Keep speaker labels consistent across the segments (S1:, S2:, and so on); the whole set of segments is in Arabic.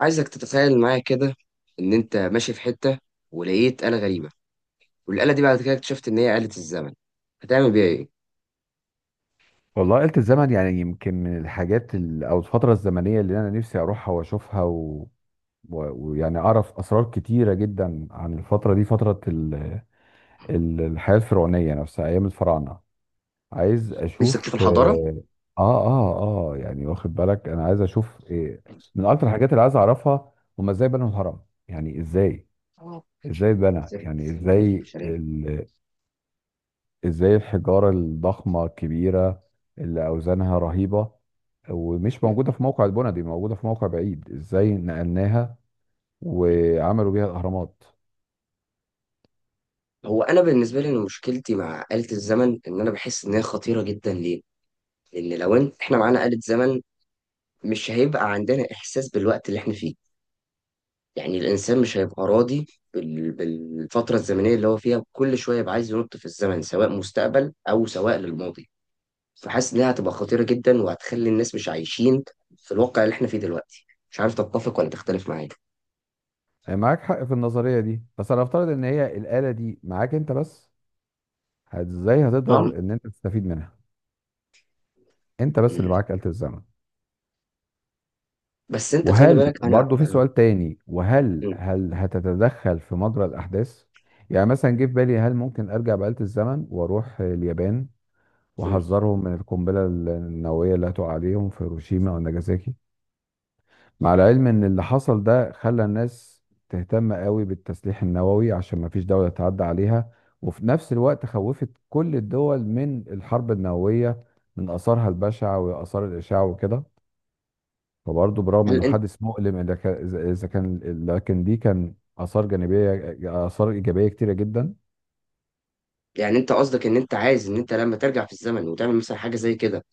S1: عايزك تتخيل معايا كده، ان انت ماشي في حته ولقيت آلة غريبه، والآلة دي بعد كده اكتشفت ان هي آلة الزمن. هتعمل بيها ايه؟
S2: والله آلة الزمن، يعني يمكن من الحاجات ال- او الفترة الزمنية اللي انا نفسي اروحها واشوفها و... و- ويعني اعرف اسرار كتيرة جدا عن الفترة دي، فترة الحياة الفرعونية نفسها، ايام الفراعنة. عايز
S1: نفسك تشوف
S2: اشوف.
S1: الحضاره.
S2: اه. اه. اه. آه، يعني واخد بالك انا عايز اشوف إيه. من اكتر الحاجات اللي عايز اعرفها، هما ازاي بنوا الهرم. يعني ازاي
S1: آه.
S2: ازاي اتبنى،
S1: نفسك
S2: يعني
S1: تخليني في
S2: ازاي
S1: البشريه.
S2: ازاي الحجارة الضخمة الكبيرة اللي اوزانها رهيبة، ومش
S1: م-
S2: موجودة في موقع، البنى دي موجودة في موقع بعيد، ازاي نقلناها
S1: م.
S2: وعملوا بيها الاهرامات.
S1: هو انا بالنسبه لي إن مشكلتي مع آلة الزمن ان انا بحس ان هي خطيره جدا. ليه؟ لان لو إن احنا معانا آلة زمن مش هيبقى عندنا احساس بالوقت اللي احنا فيه. يعني الانسان مش هيبقى راضي بالفتره الزمنيه اللي هو فيها، كل شويه يبقى عايز ينط في الزمن سواء مستقبل او سواء للماضي. فحاسس إنها هتبقى خطيرة جدا وهتخلي الناس مش عايشين في الواقع اللي احنا فيه دلوقتي. مش عارف تتفق ولا تختلف معايا؟
S2: آه، معاك حق في النظرية دي، بس انا افترض ان هي الآلة دي معاك انت بس، ازاي
S1: أم.
S2: هتقدر ان انت تستفيد منها؟ انت بس اللي
S1: مم.
S2: معاك آلة الزمن.
S1: بس أنت خلي
S2: وهل
S1: بالك أنا.
S2: برضو في سؤال تاني، وهل
S1: مم.
S2: هل هتتدخل في مجرى الاحداث؟ يعني مثلا جه في بالي، هل ممكن ارجع بآلة الزمن واروح اليابان
S1: مم.
S2: وحذرهم من القنبلة النووية اللي هتقع عليهم في هيروشيما وناجازاكي، مع العلم ان اللي حصل ده خلى الناس تهتم قوي بالتسليح النووي عشان ما فيش دولة تعدى عليها، وفي نفس الوقت خوفت كل الدول من الحرب النووية، من آثارها البشعة وآثار الإشعاع وكده. فبرضه برغم
S1: هل
S2: إنه
S1: أنت،
S2: حادث مؤلم، إذا كان لكن دي كان آثار جانبية، آثار إيجابية كتيرة جدا.
S1: يعني أنت قصدك إن أنت عايز إن أنت لما ترجع في الزمن وتعمل مثلا حاجة زي كده،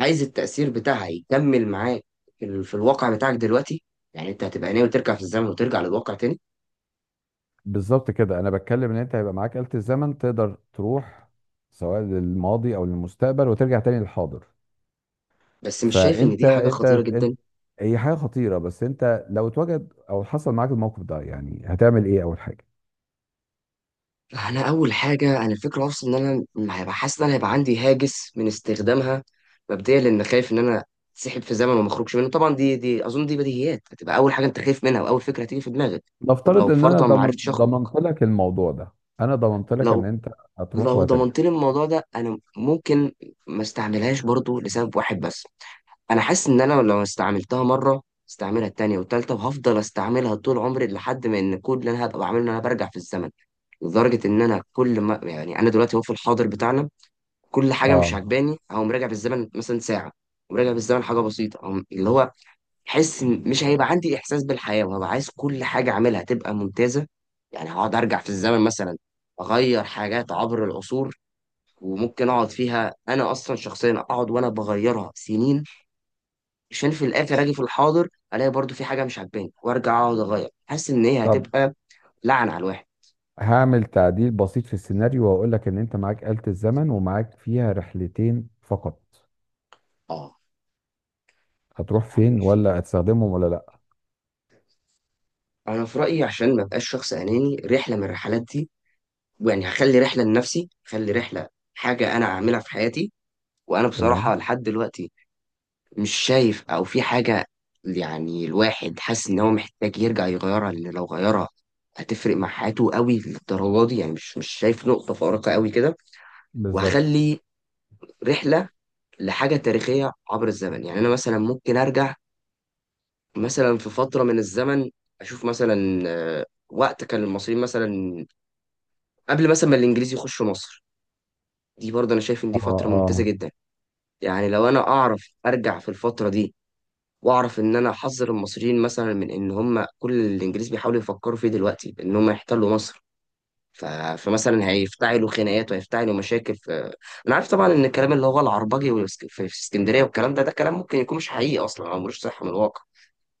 S1: عايز التأثير بتاعها يكمل معاك في الواقع بتاعك دلوقتي؟ يعني أنت هتبقى ناوي ترجع في الزمن وترجع للواقع تاني.
S2: بالظبط كده، انا بتكلم ان انت هيبقى معاك آلة الزمن، تقدر تروح سواء للماضي او للمستقبل، وترجع تاني للحاضر.
S1: بس مش شايف إن
S2: فانت
S1: دي حاجة
S2: انت
S1: خطيرة
S2: انت
S1: جدا؟
S2: هي حاجه خطيره، بس انت لو اتوجد او حصل معاك الموقف ده، يعني هتعمل ايه اول حاجه؟
S1: انا اول حاجه، انا الفكره اصلا ان انا هيبقى حاسس ان انا هيبقى عندي هاجس من استخدامها مبدئيا، لان خايف ان انا اتسحب في زمن وما اخرجش منه. طبعا دي اظن دي بديهيات، هتبقى اول حاجه انت خايف منها واول فكره هتيجي في دماغك. طب لو
S2: نفترض ان انا
S1: فرضا ما
S2: ضمن
S1: عرفتش اخرج،
S2: ضمنت لك الموضوع ده، انا ضمنت لك ان
S1: لو
S2: انت هتروح
S1: لو
S2: وهترجع.
S1: ضمنت لي الموضوع ده، انا ممكن ما استعملهاش برضو لسبب واحد بس. انا حاسس ان انا لو استعملتها مره استعملها التانية والتالتة، وهفضل استعملها طول عمري لحد ما ان كل اللي انا هبقى بعمله ان انا برجع في الزمن. لدرجة ان انا كل ما، يعني انا دلوقتي هو في الحاضر بتاعنا، كل حاجه مش
S2: اه.
S1: عجباني اقوم راجع بالزمن مثلا ساعه، وراجع بالزمن حاجه بسيطه، أقوم اللي هو حس إن مش هيبقى عندي احساس بالحياه وهبقى عايز كل حاجه اعملها تبقى ممتازه. يعني هقعد ارجع في الزمن مثلا اغير حاجات عبر العصور، وممكن اقعد فيها انا اصلا شخصيا اقعد وانا بغيرها سنين، عشان في الاخر اجي في الحاضر الاقي برضو في حاجه مش عجباني وارجع اقعد اغير، حاسس ان هي
S2: طب
S1: هتبقى لعنه على الواحد.
S2: هعمل تعديل بسيط في السيناريو، واقول لك ان انت معاك آلة الزمن، ومعاك فيها رحلتين فقط،
S1: اه.
S2: هتروح
S1: هعمل
S2: فين،
S1: فيها،
S2: ولا هتستخدمهم ولا لا؟
S1: انا في رايي عشان ما ابقاش شخص اناني، رحله من الرحلات دي يعني هخلي رحلة لنفسي، هخلي رحلة حاجة أنا أعملها في حياتي. وأنا
S2: تمام.
S1: بصراحة لحد دلوقتي مش شايف أو في حاجة، يعني الواحد حاسس إن هو محتاج يرجع يغيرها لأن لو غيرها هتفرق مع حياته قوي للدرجة دي. يعني مش شايف نقطة فارقة قوي كده.
S2: بالظبط.
S1: وهخلي رحلة لحاجة تاريخية عبر الزمن، يعني أنا مثلا ممكن أرجع مثلا في فترة من الزمن، أشوف مثلا آه، وقت كان المصريين مثلا قبل مثلا ما الإنجليز يخشوا مصر. دي برضه أنا شايف إن
S2: اه.
S1: دي فترة ممتازة
S2: اه.
S1: جدا. يعني لو انا اعرف ارجع في الفتره دي واعرف ان انا احذر المصريين مثلا من ان هم كل اللي الانجليز بيحاولوا يفكروا فيه دلوقتي ان هم يحتلوا مصر. ف... فمثلا هيفتعلوا خناقات وهيفتعلوا مشاكل. انا عارف طبعا ان الكلام اللي هو العربجي في اسكندريه، والكلام ده ده كلام ممكن يكون مش حقيقي اصلا او ملوش صحه من الواقع.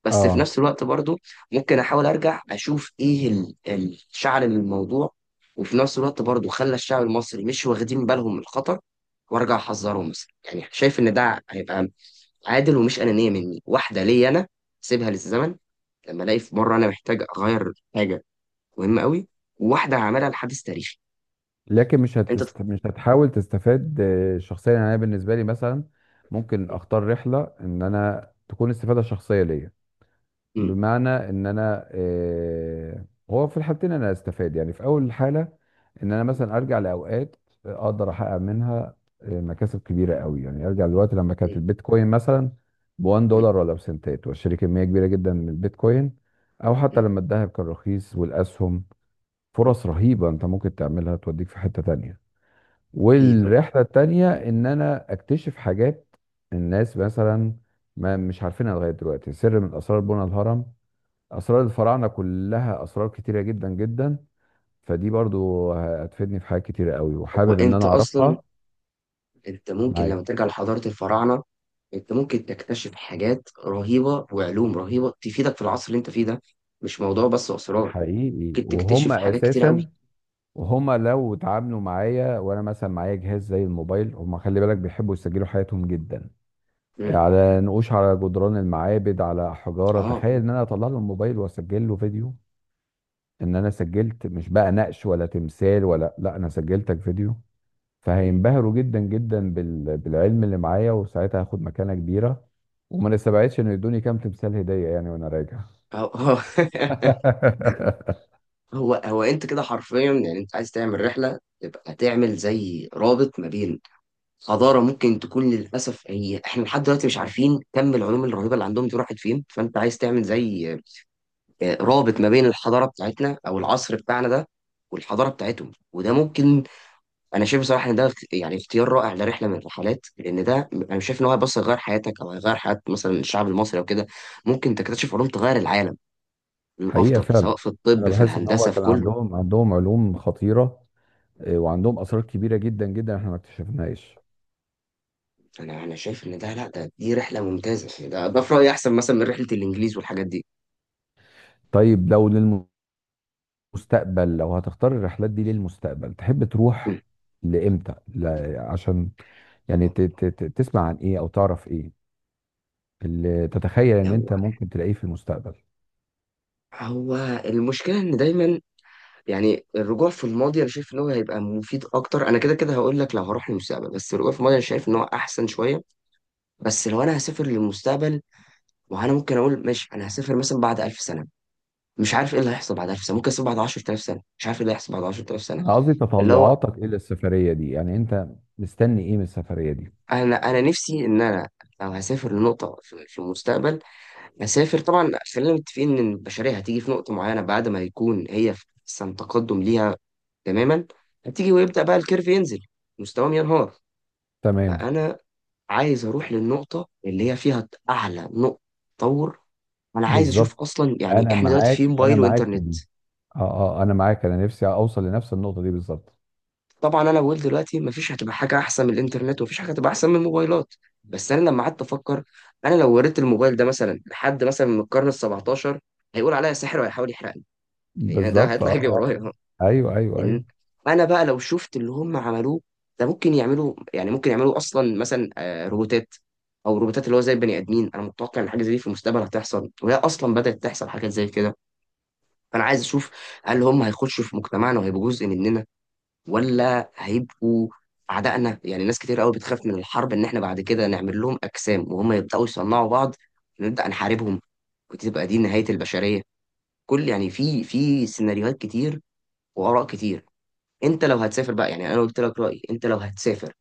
S1: بس في
S2: اه.
S1: نفس الوقت برضو ممكن احاول ارجع اشوف ايه الشعر للموضوع. وفي نفس الوقت برضو خلى الشعب المصري مش واخدين بالهم من الخطر، وارجع احذرهم مثلا. يعني شايف ان ده هيبقى عادل ومش أنانية مني. واحدة ليا أنا، سيبها للزمن لما ألاقي في مرة أنا محتاج أغير حاجة مهمة قوي. وواحدة هعملها لحدث تاريخي.
S2: لكن مش
S1: أنت ت-
S2: مش هتحاول تستفاد شخصيا، يعني انا بالنسبه لي مثلا ممكن
S1: م-
S2: اختار رحله ان انا تكون استفاده شخصيه ليا.
S1: م-
S2: بمعنى ان انا هو في الحالتين انا استفاد، يعني في اول حاله ان انا مثلا ارجع لاوقات اقدر احقق منها مكاسب كبيره قوي، يعني ارجع للوقت لما كانت
S1: م-
S2: البيتكوين مثلا ب 1 دولار ولا بسنتات، واشتري كميه كبيره جدا من البيتكوين، او حتى
S1: م-
S2: لما الذهب كان رخيص، والاسهم،
S1: م-
S2: فرص رهيبة انت ممكن تعملها توديك في حتة تانية.
S1: أكيد.
S2: والرحلة التانية ان انا اكتشف حاجات الناس مثلا ما مش عارفينها لغاية دلوقتي، سر من اسرار بنى الهرم، اسرار الفراعنة، كلها اسرار كتيرة جدا جدا، فدي برضو هتفيدني في حاجات كتيرة قوي،
S1: هو
S2: وحابب ان
S1: أنت
S2: انا
S1: أصلا،
S2: اعرفها.
S1: أنت ممكن
S2: معاك.
S1: لما ترجع لحضارة الفراعنة أنت ممكن تكتشف حاجات رهيبة وعلوم رهيبة تفيدك في العصر اللي أنت فيه ده. مش موضوع بس أسرار،
S2: حقيقي،
S1: ممكن
S2: وهم
S1: تكتشف حاجات كتيرة
S2: اساسا،
S1: قوي.
S2: وهم لو اتعاملوا معايا وانا مثلا معايا جهاز زي الموبايل، هم خلي بالك بيحبوا يسجلوا حياتهم جدا،
S1: م.
S2: على نقوش على جدران المعابد، على حجاره.
S1: آه.
S2: تخيل ان انا اطلع له الموبايل واسجل له فيديو، ان انا سجلت، مش بقى نقش ولا تمثال ولا لا، انا سجلتك فيديو.
S1: م.
S2: فهينبهروا جدا جدا بالعلم اللي معايا، وساعتها هاخد مكانه كبيره. وما نستبعدش انه يدوني كام تمثال هديه يعني وانا راجع.
S1: آه آه هو انت كده حرفيا، يعني انت عايز تعمل رحله، تبقى تعمل زي رابط ما بين حضاره ممكن تكون للاسف هي احنا لحد دلوقتي مش عارفين كم العلوم الرهيبه اللي عندهم دي راحت فين. فانت عايز تعمل زي آه، رابط ما بين الحضاره بتاعتنا او العصر بتاعنا ده والحضاره بتاعتهم، وده ممكن. انا شايف بصراحه ان يعني اختيار رائع لرحله من الرحلات، لان ده انا شايف ان هو بس يغير حياتك او هيغير حياه مثلا الشعب المصري او كده. ممكن تكتشف علوم تغير العالم
S2: حقيقه
S1: للافضل،
S2: فعلا
S1: سواء في
S2: انا
S1: الطب في
S2: بحس ان هم
S1: الهندسه في
S2: كان
S1: كله.
S2: عندهم علوم خطيره، وعندهم اسرار كبيره جدا جدا احنا ما اكتشفناهاش.
S1: انا شايف ان ده، لا ده دي رحله ممتازه. يعني ده في رايي احسن مثلا من رحله الانجليز والحاجات دي.
S2: طيب لو مستقبل، لو هتختار الرحلات دي للمستقبل، تحب
S1: مم.
S2: تروح لامتى؟ لا عشان، يعني تسمع عن ايه او تعرف ايه اللي تتخيل ان
S1: هو
S2: انت ممكن تلاقيه في المستقبل؟
S1: هو المشكله ان دايما، يعني الرجوع في الماضي انا شايف ان هو هيبقى مفيد اكتر. انا كده كده هقول لك لو هروح للمستقبل، بس الرجوع في الماضي انا شايف ان هو احسن شويه. بس لو انا هسافر للمستقبل وانا ممكن اقول ماشي انا هسافر مثلا بعد 1000 سنه، مش عارف ايه اللي هيحصل بعد 1000 سنه. ممكن اسافر بعد 10000 سنه، مش عارف ايه اللي هيحصل بعد 10000 سنه.
S2: انا قصدي
S1: اللي هو،
S2: تطلعاتك الى السفرية دي، يعني انت مستني ايه من السفرية دي؟
S1: انا نفسي ان انا لو هسافر لنقطه في المستقبل، مسافر طبعا. خلينا متفقين ان البشريه هتيجي في نقطه معينه بعد ما يكون هي في احسن تقدم ليها تماما، هتيجي ويبدا بقى الكيرف ينزل، مستواهم ينهار.
S2: تمام.
S1: فانا عايز اروح للنقطه اللي هي فيها اعلى نقطه تطور. انا عايز اشوف
S2: بالظبط.
S1: اصلا، يعني
S2: انا
S1: احنا دلوقتي في
S2: معاك، انا
S1: موبايل
S2: معاك في
S1: وانترنت.
S2: دي. اه. اه. انا معاك، انا نفسي اوصل لنفس النقطة دي بالظبط.
S1: طبعا انا بقول دلوقتي مفيش هتبقى حاجه احسن من الانترنت، ومفيش حاجه هتبقى احسن من الموبايلات. بس انا لما قعدت افكر انا لو وريت الموبايل ده مثلا لحد مثلا من القرن ال 17 هيقول عليا ساحر وهيحاول يحرقني. يعني ده
S2: بالظبط. اه.
S1: هيطلع يجري
S2: اه.
S1: ورايا.
S2: ايوه. ايوه.
S1: إن
S2: ايوه.
S1: أنا بقى لو شفت اللي هم عملوه، ده ممكن يعملوا، يعني ممكن يعملوا أصلا مثلا آه، روبوتات. أو روبوتات اللي هو زي البني آدمين. أنا متوقع إن حاجة زي دي في المستقبل هتحصل، وهي أصلا بدأت تحصل حاجات زي كده. فأنا عايز أشوف هل هم هيخشوا في مجتمعنا وهيبقوا جزء مننا ولا هيبقوا أعدائنا؟ يعني ناس كتير قوي بتخاف من الحرب إن إحنا بعد كده نعمل لهم أجسام، وهم يبدأوا يصنعوا بعض ونبدأ نحاربهم، وتبقى دي نهاية البشرية. كل، يعني في سيناريوهات كتير وآراء كتير. انت لو هتسافر بقى، يعني انا قلت لك رايي. انت لو هتسافر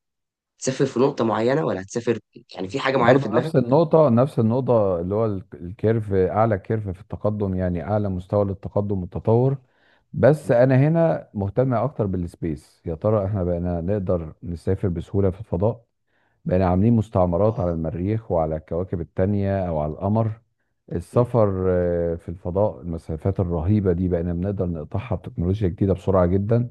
S1: تسافر في نقطه معينه؟ ولا هتسافر يعني في حاجه معينه في
S2: برضه
S1: دماغك؟
S2: نفس النقطة، نفس النقطة اللي هو الكيرف، أعلى كيرف في التقدم، يعني أعلى مستوى للتقدم والتطور. بس أنا هنا مهتم أكتر بالسبيس، يا ترى إحنا بقينا نقدر نسافر بسهولة في الفضاء؟ بقينا عاملين مستعمرات
S1: اه.
S2: على المريخ وعلى الكواكب التانية أو على القمر؟
S1: مم.
S2: السفر في الفضاء، المسافات الرهيبة دي بقينا بنقدر نقطعها بتكنولوجيا جديدة بسرعة جدا.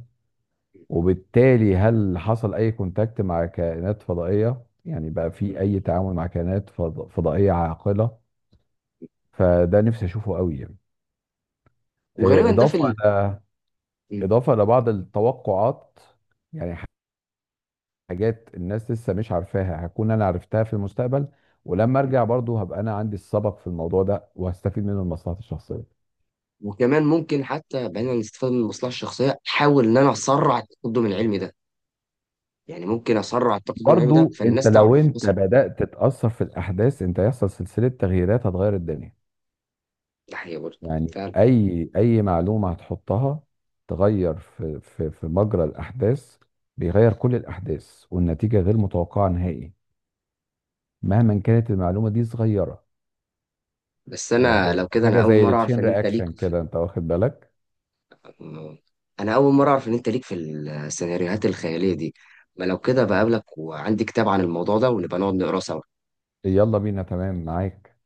S2: وبالتالي هل حصل أي كونتاكت مع كائنات فضائية، يعني بقى في
S1: مم.
S2: أي تعامل مع كائنات فضائية عاقلة؟ فده نفسي أشوفه قوي يعني،
S1: وغالبا ده في
S2: إضافة ل...
S1: مم.
S2: إضافة لبعض التوقعات، يعني حاجات الناس لسه مش عارفاها، هكون أنا عرفتها في المستقبل، ولما
S1: مم.
S2: أرجع برضه هبقى أنا عندي السبق في الموضوع ده وهستفيد منه لمصلحتي الشخصية.
S1: وكمان ممكن حتى بعيدا عن الاستفاده من المصلحه الشخصيه احاول ان انا اسرع التقدم العلمي ده. يعني ممكن اسرع التقدم العلمي ده
S2: برضه أنت
S1: فالناس
S2: لو
S1: تعرف
S2: أنت
S1: اسرع.
S2: بدأت تتأثر في الأحداث، أنت هيحصل سلسلة تغييرات هتغير الدنيا.
S1: ده حقيقه برضه
S2: يعني
S1: فعلا.
S2: اي معلومه هتحطها تغير في مجرى الاحداث، بيغير كل الاحداث، والنتيجه غير متوقعه نهائي مهما كانت المعلومه دي صغيره.
S1: بس انا لو كده،
S2: حاجه زي التشين رياكشن كده، انت واخد بالك؟
S1: انا اول مره اعرف ان انت ليك في السيناريوهات الخياليه دي. ما لو كده بقابلك وعندي كتاب عن الموضوع ده ونبقى نقعد نقراه سوا.
S2: يلا بينا. تمام معاك.